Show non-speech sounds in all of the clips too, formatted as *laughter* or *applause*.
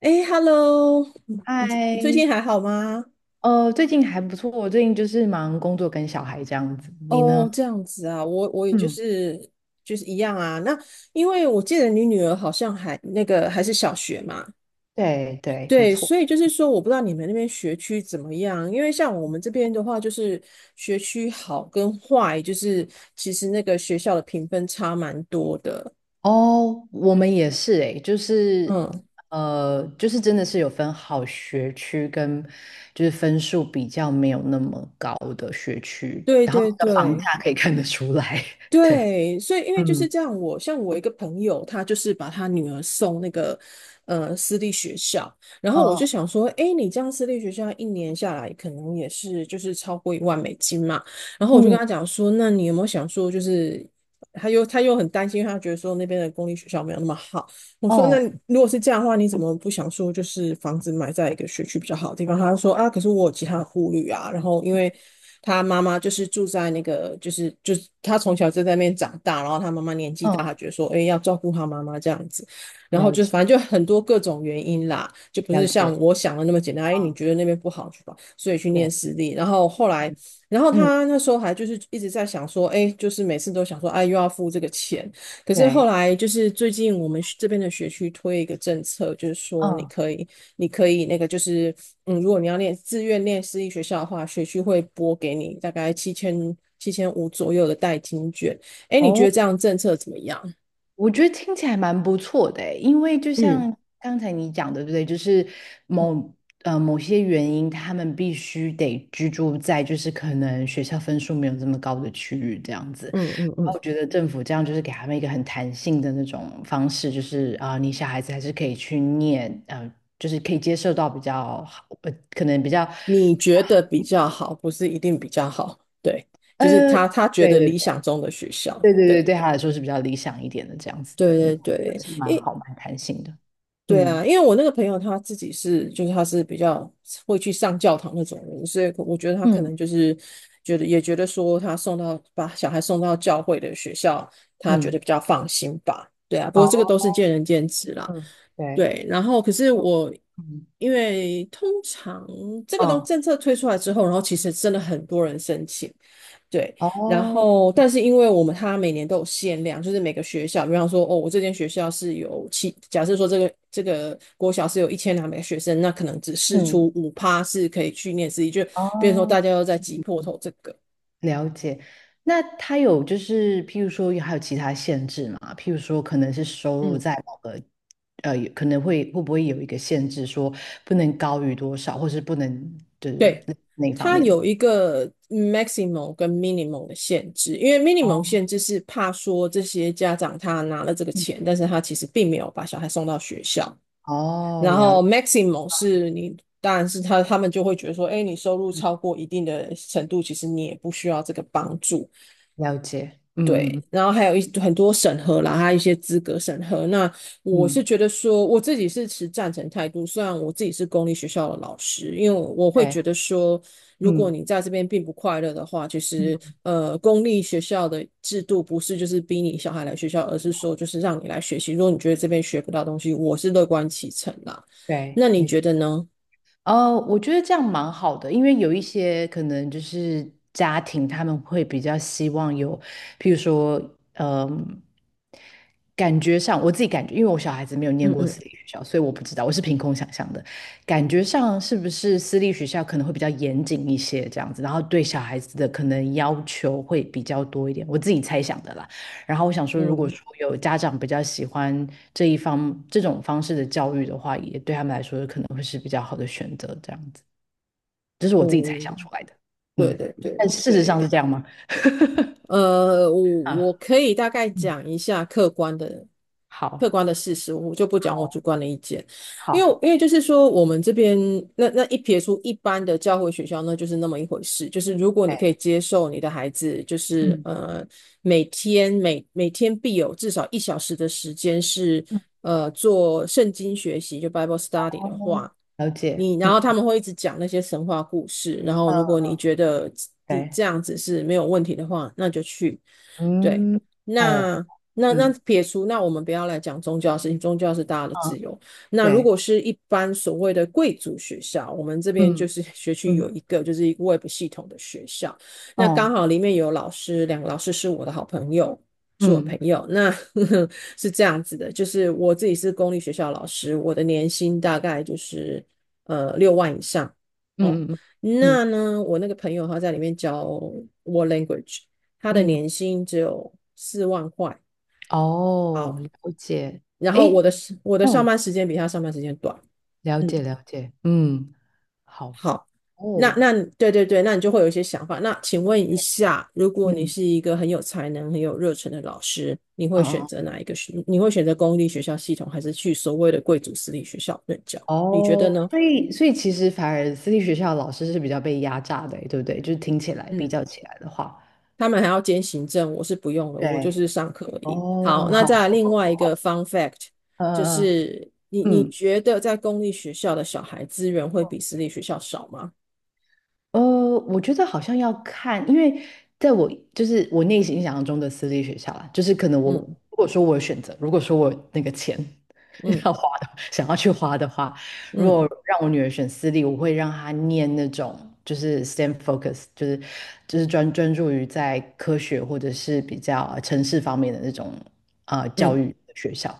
哎，Hello，你最近嗨，还好吗？最近还不错，我最近就是忙工作跟小孩这样子。你呢？哦，这样子啊，我也就嗯，是一样啊。那因为我记得你女儿好像还那个还是小学嘛，对对，没对，错。所以就是说，我不知道你们那边学区怎么样。因为像我们这边的话，就是学区好跟坏，就是其实那个学校的评分差蛮多的。哦，我们也是诶，就是嗯，就是真的是有分好学区跟就是分数比较没有那么高的学区，对然后对你的房对。价可以看得出来。*laughs* 对，对，所以因为就是嗯，这样我，像我一个朋友，他就是把他女儿送那个私立学校。然哦，后我就哦，想说，诶，你这样私立学校一年下来可能也是就是超过1万美金嘛。然后我就跟嗯，他讲说，那你有没有想说就是？他又很担心，他觉得说那边的公立学校没有那么好。我说，那哦，如果是这样的话，你怎么不想说就是房子买在一个学区比较好的地方？他就说啊，可是我有其他的顾虑啊。然后因为他妈妈就是住在那个，就是他从小就在那边长大，然后他妈妈年纪大，嗯，他觉得说，哎，要照顾他妈妈这样子。然后了就解反正就很多各种原因啦，就不了是像解，我想的那么简单。哎，你啊，觉得那边不好去吧，所以去对，念私立。然后后来，然后嗯嗯，他那时候还就是一直在想说，哎，就是每次都想说，哎，又要付这个钱。可是后对，来就是最近我们这边的学区推一个政策，就是说你嗯。可以，你可以那个就是，嗯，如果你自愿念私立学校的话，学区会拨给你大概七千七千五左右的代金券。哎，你觉得哦。这样政策怎么样？我觉得听起来蛮不错的诶，因为就嗯像刚才你讲的，对不对？就是嗯某某些原因，他们必须得居住在就是可能学校分数没有这么高的区域这样子。嗯嗯然嗯，后我觉得政府这样就是给他们一个很弹性的那种方式，就是啊、你小孩子还是可以去念，就是可以接受到比较好，可能比较你觉得比较好，不是一定比较好，对，就是呃，他觉对得对理对想中的学校，对对对，对。对他来说是比较理想一点的这样子的，那对我觉得对是对，蛮好蛮弹性的，对嗯啊，因为我那个朋友他自己是，就是他是比较会去上教堂那种人，所以我觉得他可嗯。能就是觉得说他把小孩送到教会的学校，他觉得嗯，比较放心吧。对啊，不过这个哦，都是见仁见智啦。嗯对，对，然后可是嗯我嗯，因为通常这个嗯，政策推出来之后，然后其实真的很多人申请，对，然哦，后但是因为我们它每年都有限量，就是每个学校，比方说哦，我这间学校是有七，假设说这个国小是有1200个学生，那可能嗯哦嗯只对试嗯嗯出5%是可以去念私立，就哦哦变成说嗯大哦家都在挤破头这个。了解。那他有就是，譬如说还有其他限制吗？譬如说可能是收入嗯在某个，有可能会不会有一个限制，说不能高于多少，或是不能就是对，那方它面的。有一个 maximum 跟 minimum 的限制，因为 minimum 哦，限制是怕说这些家长他拿了这个嗯钱，但是他其实并没有把小孩送到学校，哦，然了后 maximum 是你，当然是他们就会觉得说，哎，你收入超过一定的程度，其实你也不需要这个帮助。了解，嗯对，嗯然后还有很多审核啦，还有一些资格审核。那嗯，我是嗯觉得说，我自己是持赞成态度。虽然我自己是公立学校的老师，因为我会对，觉得说，如果嗯你在这边并不快乐的话，其实嗯，公立学校的制度不是就是逼你小孩来学校，而是说就是让你来学习。如果你觉得这边学不到东西，我是乐观其成啦。对，那你没觉得呢？呃，我觉得这样蛮好的，因为有一些可能就是家庭，他们会比较希望有，譬如说，嗯、感觉上我自己感觉，因为我小孩子没有念嗯过嗯私立学校，所以我不知道，我是凭空想象的。感觉上是不是私立学校可能会比较严谨一些这样子，然后对小孩子的可能要求会比较多一点，我自己猜想的啦。然后我想说，如果嗯，说有家长比较喜欢这一方这种方式的教育的话，也对他们来说可能会是比较好的选择。这样子，这是我自己猜想出哦，来的。对嗯，对对但对事实上是对。这样吗？呃，我我啊，可以大概嗯，讲一下客观的好，事实，我就不讲我主好，观的意见，因为好，就是说我们这边那一撇出一般的教会学校，那就是那么一回事，就是如果你对，可以接受你的孩子，就是嗯每天必有至少1小时的时间是嗯，做圣经学习，就 Bible study 哦，的话。了解，然嗯后他们会一直讲那些神话故事，然后嗯，如果你觉得你对，这样子是没有问题的话，那就去。对，嗯，哦，那那嗯撇除，那我们不要来讲宗教的事情，宗教是大家的嗯，自由。那如对，果是一般所谓的贵族学校，我们这边就嗯是 *laughs* 学区嗯，有一个Web 系统的学校，那刚哦，好里面有老师，两个老师是我的好朋友。是我朋嗯友，那呵呵 *laughs* 是这样子的，就是我自己是公立学校老师，我的年薪大概就是6万以上哦。嗯嗯嗯那呢，我那个朋友他在里面教 w l Language，他的嗯嗯，年薪只有4万块。哦，好，了解，然后诶。我的上哦班时间比他上班时间短。了解嗯，了解，嗯，好，好，那哦，那对对对，那你就会有一些想法。那请问一下，如果你嗯是一个很有才能、很有热忱的老师，你会嗯选嗯，择哪一个学？你会选择公立学校系统，还是去所谓的贵族私立学校任教？你觉哦，得呢？所以其实反而私立学校的老师是比较被压榨的欸，对不对？就是听起来比嗯，较起来的话，他们还要兼行政，我是不用了，我就对，是上课而已。好，哦，那好，再来另外一个 fun fact，*laughs* 嗯就嗯是你嗯。嗯觉得在公立学校的小孩资源会比私立学校少吗？呃，我觉得好像要看，因为在我就是我内心想象中的私立学校啦，就是可能我嗯如果说我有选择，如果说我有那个钱 *laughs* 嗯要花的，想要去花的话，如果嗯让我女儿选私立，我会让她念那种就是 STEM focus，就是专注于在科学或者是比较城市方面的那种啊、教嗯育的学校，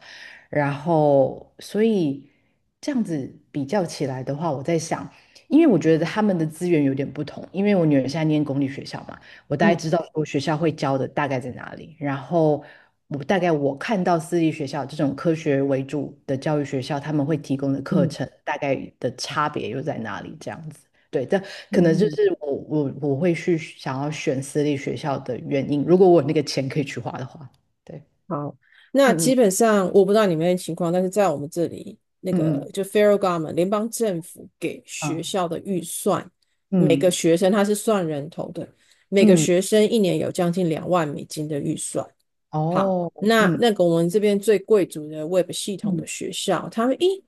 然后所以这样子比较起来的话，我在想。因为我觉得他们的资源有点不同，因为我女儿现在念公立学校嘛，我大概嗯知道说学校会教的大概在哪里，然后我大概我看到私立学校这种科学为主的教育学校，他们会提供的嗯课嗯程大概的差别又在哪里这样子。对，这可嗯能就嗯。是我会去想要选私立学校的原因，如果我有那个钱可以去花的话，对，好，那嗯基本上我不知道你们的情况，但是在我们这里，那嗯个就 federal government 联邦政府给学嗯校的预算，每个嗯学生他是算人头的，每个嗯嗯，学生一年有将近2万美金的预算。好，哦，那嗯那个我们这边最贵族的 Web 系统嗯的学校，他们一，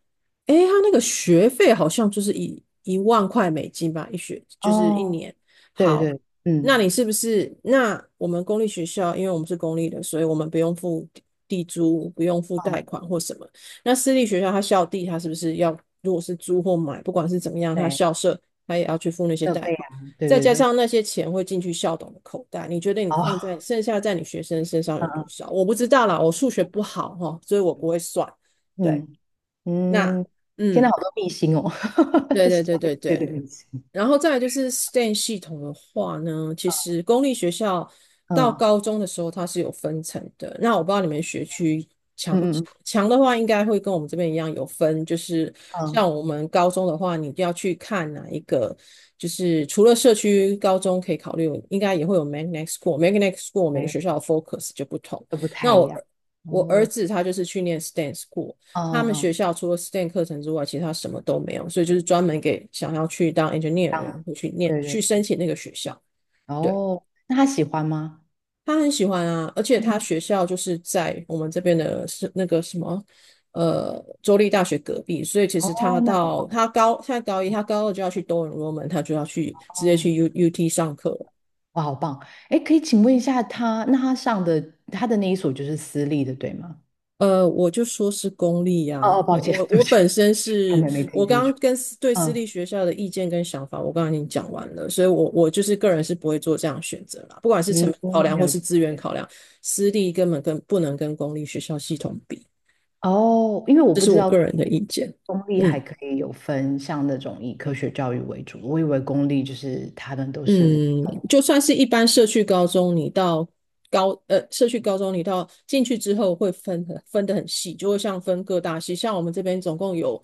诶，他那个学费好像就是一万块美金吧，一学就是一哦，年。对好，对，那嗯。你是不是？那我们公立学校，因为我们是公立的，所以我们不用付地租，不用付贷款或什么。那私立学校，他校地他是不是要，如果是租或买，不管是怎么样，他对，校舍他也要去付那些设贷备款。啊，对再对加对，上那些钱会进去校董的口袋，你觉得你放哦，在剩下在你学生身上 *laughs* 有多嗯少？我不知道啦，我数学不好哈，所以我不会算。对，嗯嗯那嗯，天呐，嗯，好多秘辛哦，对 *laughs* 对对商对业界的对。秘辛然后再来就是 STEM 系统的话呢，其实公立学校到嗯高中的时候它是有分层的。那我不知道你们学区嗯嗯强的话应该会跟我们这边一样有分，就是嗯，像我们高中的话，你要去看哪一个，就是除了社区高中可以考虑，应该也会有 magnet school。Magnet school 每个哎，学校的 focus 就不同。都不太那我一样，儿我儿哦，子他就是去念 STEM school，嗯他们嗯，学校除了 STEM 课程之外，其他什么都没有，所以就是专门给想要去当 engineer 这的样，人会对去对，申请那个学校。对。哦，那他喜欢吗？他很喜欢啊，而且他嗯，学校就是在我们这边的是那个什么，州立大学隔壁，所以其实哦，他那到好他高现在高一，他高二就要去多伦多门，他就要去直接棒，去 UT 上课了。哇，好棒，哎，可以请问一下他，那他的那一所就是私立的，对吗？我就说是公立呀、哦哦，抱我歉，我对不我起，本身可是能没我听清刚楚，刚跟私嗯立学校的意见跟想法，我刚刚已经讲完了，所以我就是个人是不会做这样的选择啦，不管是成嗯，本考量或了解。是资源考量，私立根本不能跟公立学校系统比。哦，因为我不知道公立还嗯。可以有分像那种以科学教育为主，我以为公立就是他们都是，嗯，就算是一般社区高中，你到社区高中，你到进去之后会分得很细，就会像分各大系，像我们这边总共有，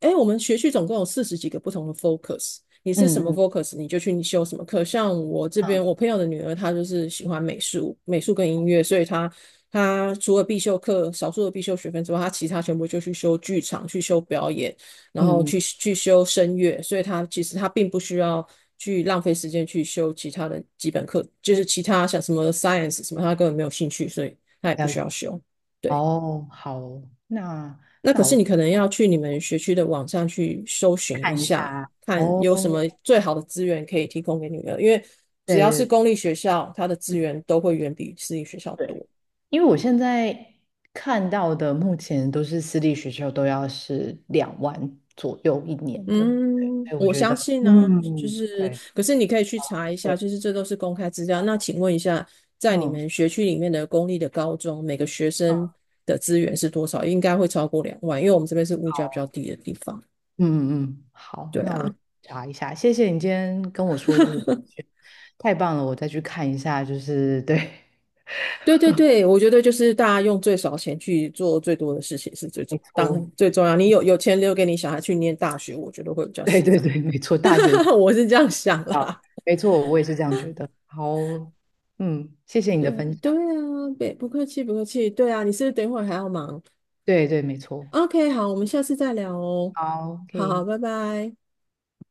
哎，我们学区总共有四十几个不同的 focus，你是嗯什么 嗯 focus，你就去你修什么课。像我这边，嗯我朋友的女儿她就是喜欢美术，美术跟音乐，所以她除了必修课少数的必修学分之外，她其他全部就去修剧场，去修表演。然后嗯嗯，去修声乐，所以他其实他并不需要去浪费时间去修其他的基本课，就是其他像什么 science 什么，他根本没有兴趣，所以他也不了需解。要修。对，哦，好哦，那那可那是我你可能要去你们学区的网上去搜寻一看一下，下。看哦，有什么最好的资源可以提供给女儿，因为只对要是对公立学校，它的资源都会远比私立学校对，多。因为我现在看到的目前都是私立学校都要是2万左右一年的，对，嗯，所以我我觉相得，信呢、就嗯，是，对可是你可以去查一下，对，就是这都是公开资料。那请问一下，在你嗯们学区里面的公立的高中，每个学嗯，生的资源是多少？应该会超过两万，因为我们这边是物价比较好。低的地方。嗯嗯，嗯，好，对那我啊，查一下。谢谢你今天跟我说这个，*laughs* 太棒了，我再去看一下。就是对，对对对，我觉得就是大家用最少钱去做最多的事情是没当错，然最重要。你有钱留给你小孩去念大学，我觉得会比较对实对在。对，没错，大学 *laughs* 我是这样想啊，啦。没错，我也是这样觉得。好，嗯，谢谢你对的分对享。啊，别不客气不客气。对啊，你是不是等一会儿还要忙？对对，没错。OK，好，我们下次再聊哦。好好，，OK。拜拜。